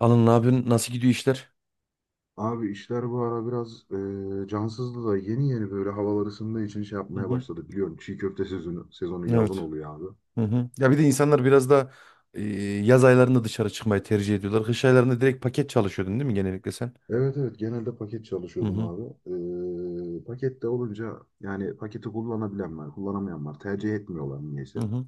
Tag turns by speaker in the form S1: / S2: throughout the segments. S1: Alın ne yapıyorsun? Nasıl gidiyor işler?
S2: Abi işler bu ara biraz cansızdı da yeni yeni böyle havalar ısındığı için şey
S1: Hı
S2: yapmaya
S1: hı.
S2: başladı. Biliyorum çiğ köfte sezonu, sezonu yazın
S1: Evet.
S2: oluyor abi.
S1: Hı hı. Ya bir de insanlar biraz da e, yaz aylarında dışarı çıkmayı tercih ediyorlar. Kış aylarında direkt paket çalışıyordun değil mi genellikle sen?
S2: Evet, evet, genelde paket
S1: Hı
S2: çalışıyordum
S1: hı.
S2: abi. Pakette olunca yani paketi kullanabilen var, kullanamayan var. Tercih etmiyorlar
S1: Hı
S2: niyeyse.
S1: hı.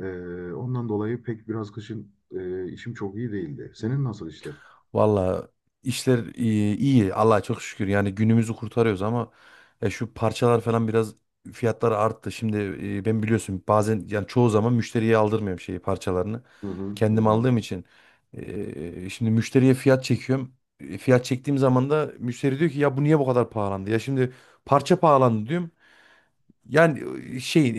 S2: E, Ondan dolayı pek biraz kışın işim çok iyi değildi. Senin nasıl işler?
S1: Valla işler iyi, iyi. Allah'a çok şükür. Yani günümüzü kurtarıyoruz ama ya şu parçalar falan biraz fiyatları arttı. Şimdi ben biliyorsun bazen yani çoğu zaman müşteriye aldırmıyorum şeyi parçalarını.
S2: Hı hı hı,
S1: Kendim
S2: hı.
S1: aldığım için şimdi müşteriye fiyat çekiyorum. Fiyat çektiğim zaman da müşteri diyor ki ya bu niye bu kadar pahalandı? Ya şimdi parça pahalandı diyorum. Yani şey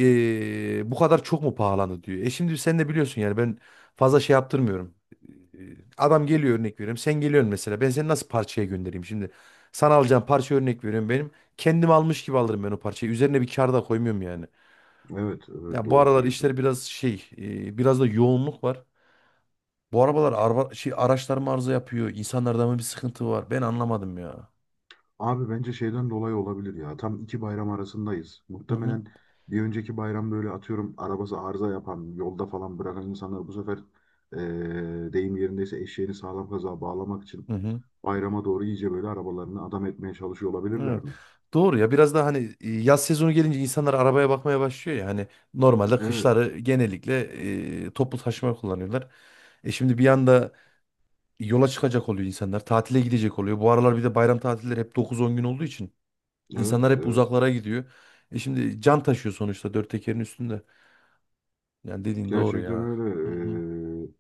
S1: bu kadar çok mu pahalandı diyor. E şimdi sen de biliyorsun yani ben fazla şey yaptırmıyorum. E, Adam geliyor örnek veriyorum. Sen geliyorsun mesela. Ben seni nasıl parçaya göndereyim şimdi? Sana alacağım parça örnek veriyorum benim. Kendim almış gibi alırım ben o parçayı. Üzerine bir kar da koymuyorum yani.
S2: Evet, evet,
S1: Ya bu
S2: doğru
S1: aralar
S2: söylüyorsun.
S1: işler biraz şey biraz da yoğunluk var. Bu arabalar araba, şey, araçlar mı arıza yapıyor? İnsanlarda mı bir sıkıntı var? Ben anlamadım ya.
S2: Abi bence şeyden dolayı olabilir ya. Tam iki bayram arasındayız.
S1: Hı hı.
S2: Muhtemelen bir önceki bayram böyle atıyorum arabası arıza yapan, yolda falan bırakan insanlar bu sefer deyim yerindeyse eşeğini sağlam kazığa bağlamak için
S1: Hı hı.
S2: bayrama doğru iyice böyle arabalarını adam etmeye çalışıyor olabilirler
S1: Evet.
S2: mi?
S1: Doğru ya biraz daha hani yaz sezonu gelince insanlar arabaya bakmaya başlıyor ya hani normalde
S2: Evet,
S1: kışları genellikle toplu taşıma kullanıyorlar. E şimdi bir anda yola çıkacak oluyor insanlar tatile gidecek oluyor. Bu aralar bir de bayram tatilleri hep 9-10 gün olduğu için
S2: evet,
S1: insanlar hep
S2: evet.
S1: uzaklara gidiyor. E şimdi can taşıyor sonuçta dört tekerin üstünde. Yani dediğin doğru
S2: Gerçekten
S1: ya. Hı hı.
S2: öyle. Eee,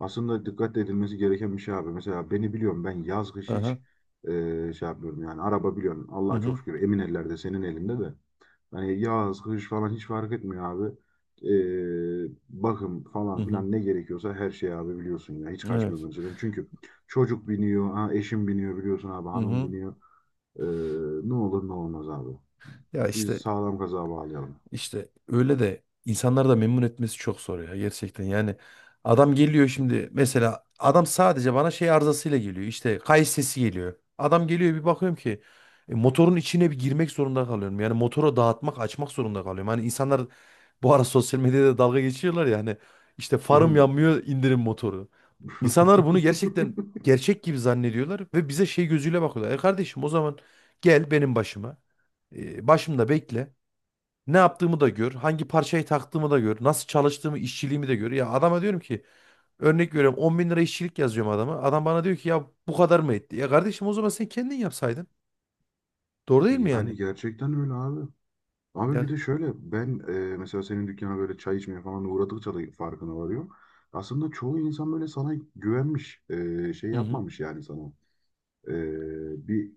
S2: Aslında dikkat edilmesi gereken bir şey abi. Mesela beni biliyorum, ben yaz kış
S1: Aha.
S2: hiç şey yapmıyorum yani. Araba biliyorum, Allah'a çok şükür, emin ellerde, senin elinde de. Hani yaz, kış falan hiç fark etmiyor abi. Bakım
S1: Hı
S2: falan
S1: hı.
S2: filan ne gerekiyorsa her şey abi biliyorsun ya. Hiç
S1: Hı hı.
S2: kaçmıyor
S1: Evet.
S2: önceden. Çünkü çocuk biniyor, ha, eşim biniyor biliyorsun abi,
S1: Hı
S2: hanım
S1: hı.
S2: biniyor. Ee, Ne olur ne olmaz abi.
S1: Ya
S2: Biz
S1: işte
S2: sağlam kaza bağlayalım.
S1: İşte öyle de insanları da memnun etmesi çok zor ya gerçekten. Yani adam geliyor şimdi mesela adam sadece bana şey arızasıyla geliyor. İşte kayış sesi geliyor. Adam geliyor bir bakıyorum ki motorun içine bir girmek zorunda kalıyorum. Yani motoru dağıtmak, açmak zorunda kalıyorum. Hani insanlar bu ara sosyal medyada dalga geçiyorlar ya hani işte farım yanmıyor indirin motoru. İnsanlar bunu gerçekten gerçek gibi zannediyorlar ve bize şey gözüyle bakıyorlar. E kardeşim o zaman gel benim başıma. Başımda bekle. Ne yaptığımı da gör. Hangi parçayı taktığımı da gör. Nasıl çalıştığımı, işçiliğimi de gör. Ya adama diyorum ki örnek veriyorum 10 bin lira işçilik yazıyorum adama. Adam bana diyor ki ya bu kadar mı etti? Ya kardeşim o zaman sen kendin yapsaydın. Doğru değil mi yani?
S2: Yani gerçekten öyle abi. Abi bir
S1: Ya.
S2: de şöyle, ben mesela senin dükkana böyle çay içmeye falan uğradıkça da farkına varıyorum. Aslında çoğu insan böyle sana güvenmiş, şey
S1: Hı hı.
S2: yapmamış yani sana. Bir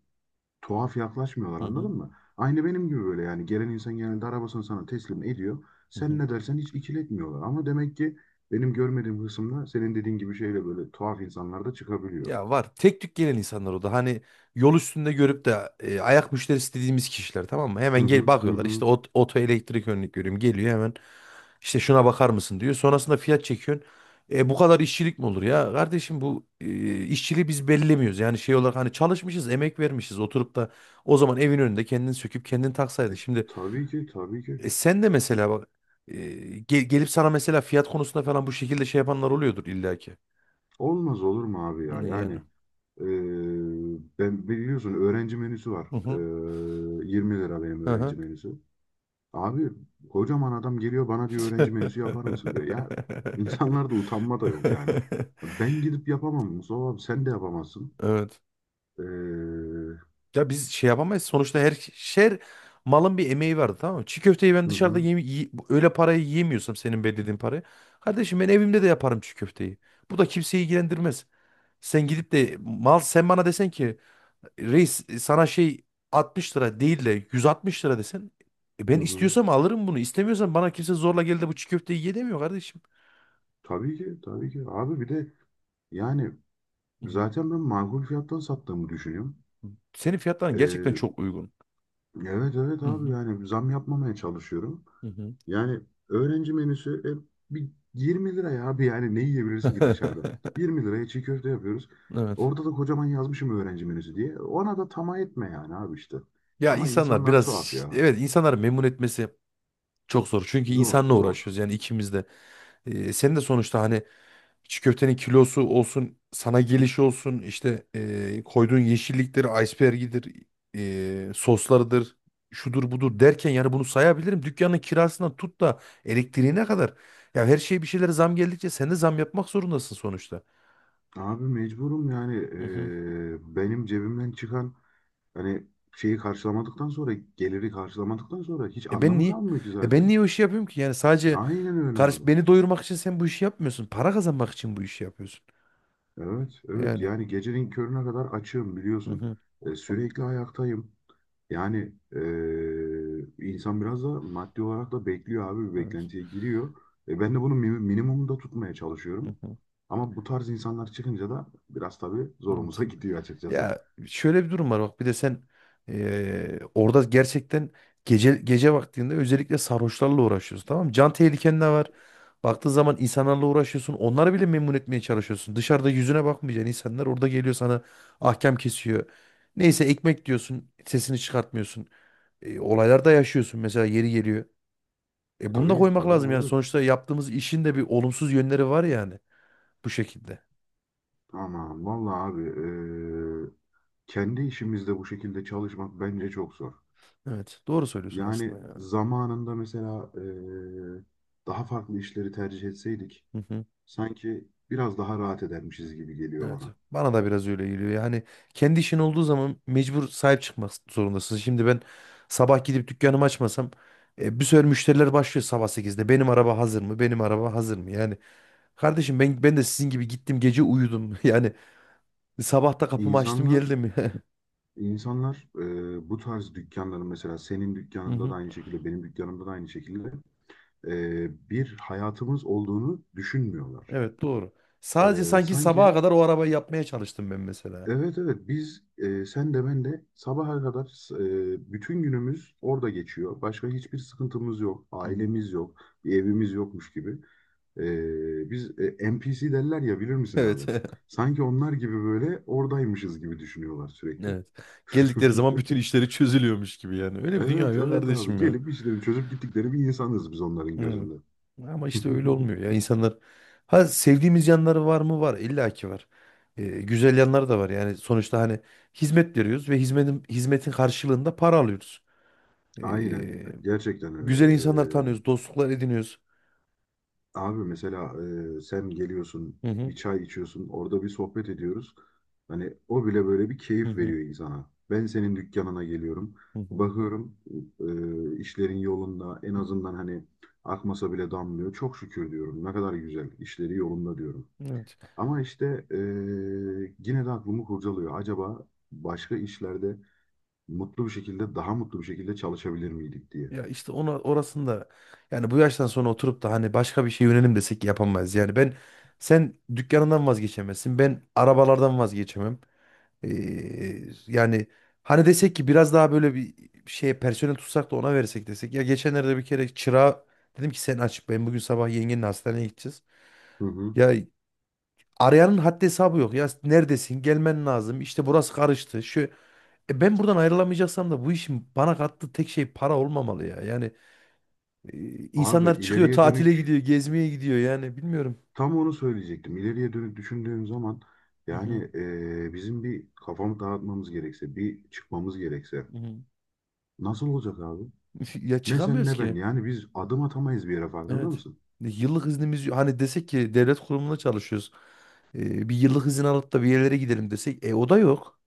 S2: tuhaf yaklaşmıyorlar,
S1: Hı
S2: anladın
S1: hı.
S2: mı? Aynı benim gibi böyle, yani gelen insan genelde arabasını sana teslim ediyor.
S1: Hı
S2: Sen
S1: hı.
S2: ne dersen hiç ikiletmiyorlar. Ama demek ki benim görmediğim kısımda senin dediğin gibi şeyle böyle tuhaf insanlar da çıkabiliyor.
S1: Ya var. Tek tük gelen insanlar o da. Hani yol üstünde görüp de ayak müşterisi dediğimiz kişiler tamam mı? Hemen
S2: Hı
S1: gel
S2: hı hı
S1: bakıyorlar. İşte
S2: hı.
S1: ot, oto elektrik örnek görüyorum. Geliyor hemen. İşte şuna bakar mısın diyor. Sonrasında fiyat çekiyorsun. Bu kadar işçilik mi olur ya? Kardeşim bu işçiliği biz belirlemiyoruz. Yani şey olarak hani çalışmışız, emek vermişiz. Oturup da o zaman evin önünde kendini söküp kendini taksaydın.
S2: E,
S1: Şimdi
S2: tabii ki, tabii ki.
S1: sen de mesela bak e, gelip sana mesela fiyat konusunda falan bu şekilde şey yapanlar oluyordur illaki.
S2: Olmaz olur mu abi ya? Yani
S1: Yani.
S2: e, ben biliyorsun öğrenci menüsü var.
S1: Hı
S2: E,
S1: hı.
S2: 20 lira benim
S1: Hı
S2: öğrenci
S1: hı.
S2: menüsü. Abi kocaman adam geliyor bana, diyor öğrenci menüsü yapar mısın diyor. Ya insanlarda utanma da yok yani. Ben gidip yapamam, Mustafa abi sen de yapamazsın.
S1: Evet.
S2: Ee, hı
S1: Ya biz şey yapamayız. Sonuçta her şer malın bir emeği vardı tamam mı? Çiğ köfteyi ben dışarıda
S2: hı,
S1: öyle parayı yiyemiyorsam senin belirlediğin parayı. Kardeşim ben evimde de yaparım çiğ köfteyi. Bu da kimseyi ilgilendirmez. Sen gidip de mal sen bana desen ki reis sana şey 60 lira değil de 160 lira desen
S2: hı
S1: ben
S2: hı.
S1: istiyorsam alırım bunu. İstemiyorsam bana kimse zorla geldi bu çiğ köfteyi ye demiyor kardeşim.
S2: Tabii ki, tabii ki abi, bir de yani
S1: Hı hı.
S2: zaten ben makul fiyattan sattığımı düşünüyorum.
S1: Senin fiyatların gerçekten
S2: Ee,
S1: çok uygun.
S2: evet, evet
S1: Hı
S2: abi
S1: hı.
S2: yani zam yapmamaya çalışıyorum.
S1: Hı hı.
S2: Yani öğrenci menüsü bir 20 lira ya abi, yani ne yiyebilirsin ki dışarıda? 20 liraya çiğ köfte yapıyoruz.
S1: Evet.
S2: Orada da kocaman yazmışım öğrenci menüsü diye. Ona da tamah etme yani abi işte.
S1: Ya
S2: Ama
S1: insanlar
S2: insanlar
S1: biraz
S2: tuhaf ya.
S1: evet insanları memnun etmesi çok zor. Çünkü
S2: Zor
S1: insanla
S2: zor.
S1: uğraşıyoruz yani ikimiz de. Sen de sonuçta hani çiğ köftenin kilosu olsun, sana gelişi olsun, işte koyduğun yeşillikleri, iceberg'idir, soslarıdır, şudur budur derken yani bunu sayabilirim. Dükkanın kirasından tut da elektriğine kadar. Ya her şeye bir şeylere zam geldikçe sen de zam yapmak zorundasın sonuçta.
S2: Abi mecburum yani,
S1: Hı hı.
S2: benim cebimden çıkan hani şeyi karşılamadıktan sonra, geliri karşılamadıktan sonra hiç
S1: E ben
S2: anlamı
S1: niye?
S2: kalmıyor ki
S1: E ben
S2: zaten.
S1: niye o işi yapıyorum ki? Yani sadece
S2: Aynen öyle
S1: Karış
S2: abi.
S1: beni doyurmak için sen bu işi yapmıyorsun. Para kazanmak için bu işi yapıyorsun.
S2: Evet, evet.
S1: Yani.
S2: Yani gecenin körüne kadar açığım
S1: Hı
S2: biliyorsun.
S1: hı.
S2: Sürekli ayaktayım. Yani insan biraz da maddi olarak da bekliyor abi, bir
S1: Evet.
S2: beklentiye giriyor. Ben de bunu minimumda tutmaya
S1: Hı
S2: çalışıyorum.
S1: hı.
S2: Ama bu tarz insanlar çıkınca da biraz tabii zorumuza
S1: Evet.
S2: gidiyor açıkçası.
S1: Ya şöyle bir durum var bak bir de sen orada gerçekten gece gece vaktinde özellikle sarhoşlarla uğraşıyorsun tamam mı? Can tehliken de var. Baktığın zaman insanlarla uğraşıyorsun. Onları bile memnun etmeye çalışıyorsun. Dışarıda yüzüne bakmayacaksın insanlar orada geliyor sana ahkam kesiyor. Neyse ekmek diyorsun sesini çıkartmıyorsun. Olaylar da yaşıyorsun mesela yeri geliyor. E bunu da
S2: Tabii,
S1: koymak
S2: tabii
S1: lazım yani.
S2: abi.
S1: Sonuçta yaptığımız işin de bir olumsuz yönleri var yani bu şekilde.
S2: Aman vallahi abi, e, kendi işimizde bu şekilde çalışmak bence çok zor.
S1: Evet, doğru söylüyorsun aslında
S2: Yani
S1: ya.
S2: zamanında mesela daha farklı işleri tercih etseydik
S1: Hı hı.
S2: sanki biraz daha rahat edermişiz gibi geliyor
S1: Evet.
S2: bana.
S1: Bana da biraz öyle geliyor. Yani kendi işin olduğu zaman mecbur sahip çıkmak zorundasın. Şimdi ben sabah gidip dükkanımı açmasam bir sürü müşteriler başlıyor sabah 8'de. Benim araba hazır mı? Benim araba hazır mı? Yani kardeşim ben de sizin gibi gittim gece uyudum. Yani sabah da kapımı açtım
S2: İnsanlar
S1: geldim.
S2: insanlar bu tarz dükkanların, mesela senin
S1: Hı
S2: dükkanında
S1: hı.
S2: da aynı şekilde, benim dükkanımda da aynı şekilde bir hayatımız olduğunu düşünmüyorlar.
S1: Evet doğru. Sadece sanki sabaha
S2: Sanki
S1: kadar o arabayı yapmaya çalıştım ben mesela.
S2: evet, evet, biz sen de ben de sabaha kadar, bütün günümüz orada geçiyor. Başka hiçbir sıkıntımız yok,
S1: Hı hı.
S2: ailemiz yok, bir evimiz yokmuş gibi. Biz NPC derler ya, bilir misin abi?
S1: Evet.
S2: Sanki onlar gibi böyle oradaymışız gibi düşünüyorlar sürekli.
S1: Evet. Geldikleri zaman bütün işleri çözülüyormuş gibi yani. Öyle bir dünya
S2: Evet,
S1: yok
S2: evet abi,
S1: kardeşim ya.
S2: gelip işlerini çözüp gittikleri bir insanız biz onların
S1: Evet.
S2: gözünde.
S1: Ama işte öyle olmuyor ya. İnsanlar ha sevdiğimiz yanları var mı? Var. İlla ki var. Güzel yanları da var. Yani sonuçta hani hizmet veriyoruz ve hizmetin karşılığında para alıyoruz.
S2: Aynen,
S1: Ee,
S2: gerçekten öyle.
S1: Güzel insanlar tanıyoruz, dostluklar ediniyoruz.
S2: Abi mesela sen geliyorsun
S1: Hı hı.
S2: bir çay içiyorsun, orada bir sohbet ediyoruz. Hani o bile böyle bir
S1: Hı
S2: keyif
S1: hı.
S2: veriyor insana. Ben senin dükkanına geliyorum.
S1: Hı hı.
S2: Bakıyorum işlerin yolunda, en azından hani akmasa bile damlıyor. Çok şükür diyorum, ne kadar güzel, işleri yolunda diyorum.
S1: Evet.
S2: Ama işte yine de aklımı kurcalıyor. Acaba başka işlerde mutlu bir şekilde, daha mutlu bir şekilde çalışabilir miydik diye.
S1: Ya işte ona orasında yani bu yaştan sonra oturup da hani başka bir şey yönelim desek yapamayız. Yani ben sen dükkanından vazgeçemezsin. Ben arabalardan vazgeçemem. Yani hani desek ki biraz daha böyle bir şey personel tutsak da ona versek desek. Ya geçenlerde bir kere çırağa dedim ki sen aç ben bugün sabah yengenle hastaneye gideceğiz.
S2: Hı hı.
S1: Ya arayanın haddi hesabı yok. Ya neredesin? Gelmen lazım. İşte burası karıştı. Şu e Ben buradan ayrılamayacaksam da bu işin bana kattığı tek şey para olmamalı ya. Yani
S2: Abi
S1: insanlar çıkıyor,
S2: ileriye
S1: tatile
S2: dönük
S1: gidiyor, gezmeye gidiyor yani bilmiyorum.
S2: tam onu söyleyecektim. İleriye dönük düşündüğüm zaman,
S1: Hı hı,
S2: yani bizim bir kafamı dağıtmamız gerekse, bir çıkmamız gerekse
S1: hı hı.
S2: nasıl olacak abi?
S1: Ya
S2: Ne sen
S1: çıkamıyoruz
S2: ne ben,
S1: ki.
S2: yani biz adım atamayız bir yere, farkında
S1: Evet.
S2: mısın?
S1: Yıllık iznimiz hani desek ki devlet kurumunda çalışıyoruz. Bir yıllık izin alıp da bir yerlere gidelim desek e o da yok.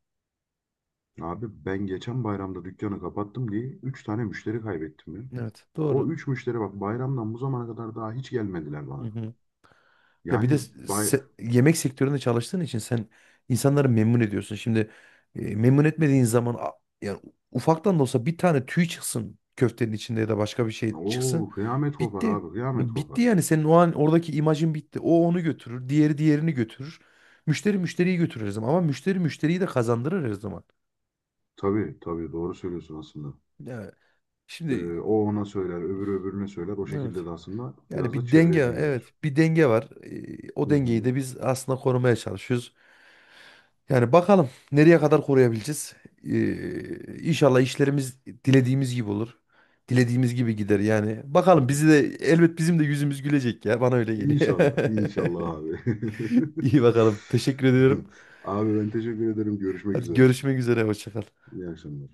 S2: Abi ben geçen bayramda dükkanı kapattım diye 3 tane müşteri kaybettim ya.
S1: Evet,
S2: O
S1: doğru.
S2: 3 müşteri bak, bayramdan bu zamana kadar daha hiç gelmediler bana.
S1: Ya bir de
S2: Yani bay...
S1: yemek sektöründe çalıştığın için sen insanları memnun ediyorsun. Şimdi memnun etmediğin zaman yani ufaktan da olsa bir tane tüy çıksın köftenin içinde ya da başka bir şey çıksın.
S2: Oo, kıyamet kopar
S1: Bitti.
S2: abi, kıyamet
S1: Bitti
S2: kopar.
S1: yani senin o an oradaki imajın bitti. O onu götürür, diğeri diğerini götürür. Müşteri müşteriyi götürür her zaman ama müşteri müşteriyi de kazandırır her zaman.
S2: Tabii, tabii, doğru söylüyorsun aslında.
S1: Ya şimdi
S2: O ona söyler, öbürü öbürüne söyler. O şekilde
S1: evet.
S2: de aslında
S1: Yani
S2: biraz da
S1: bir
S2: çevre
S1: denge
S2: edinilir.
S1: evet bir denge var. O
S2: Hı
S1: dengeyi
S2: hı.
S1: de biz aslında korumaya çalışıyoruz. Yani bakalım nereye kadar koruyabileceğiz. İnşallah işlerimiz dilediğimiz gibi olur. Dilediğimiz gibi gider yani. Bakalım bizi de elbet bizim de yüzümüz gülecek ya. Bana öyle geliyor.
S2: İnşallah, inşallah abi.
S1: İyi bakalım. Teşekkür ediyorum.
S2: Abi ben teşekkür ederim. Görüşmek
S1: Hadi
S2: üzere.
S1: görüşmek üzere. Hoşça kal.
S2: İyi akşamlar.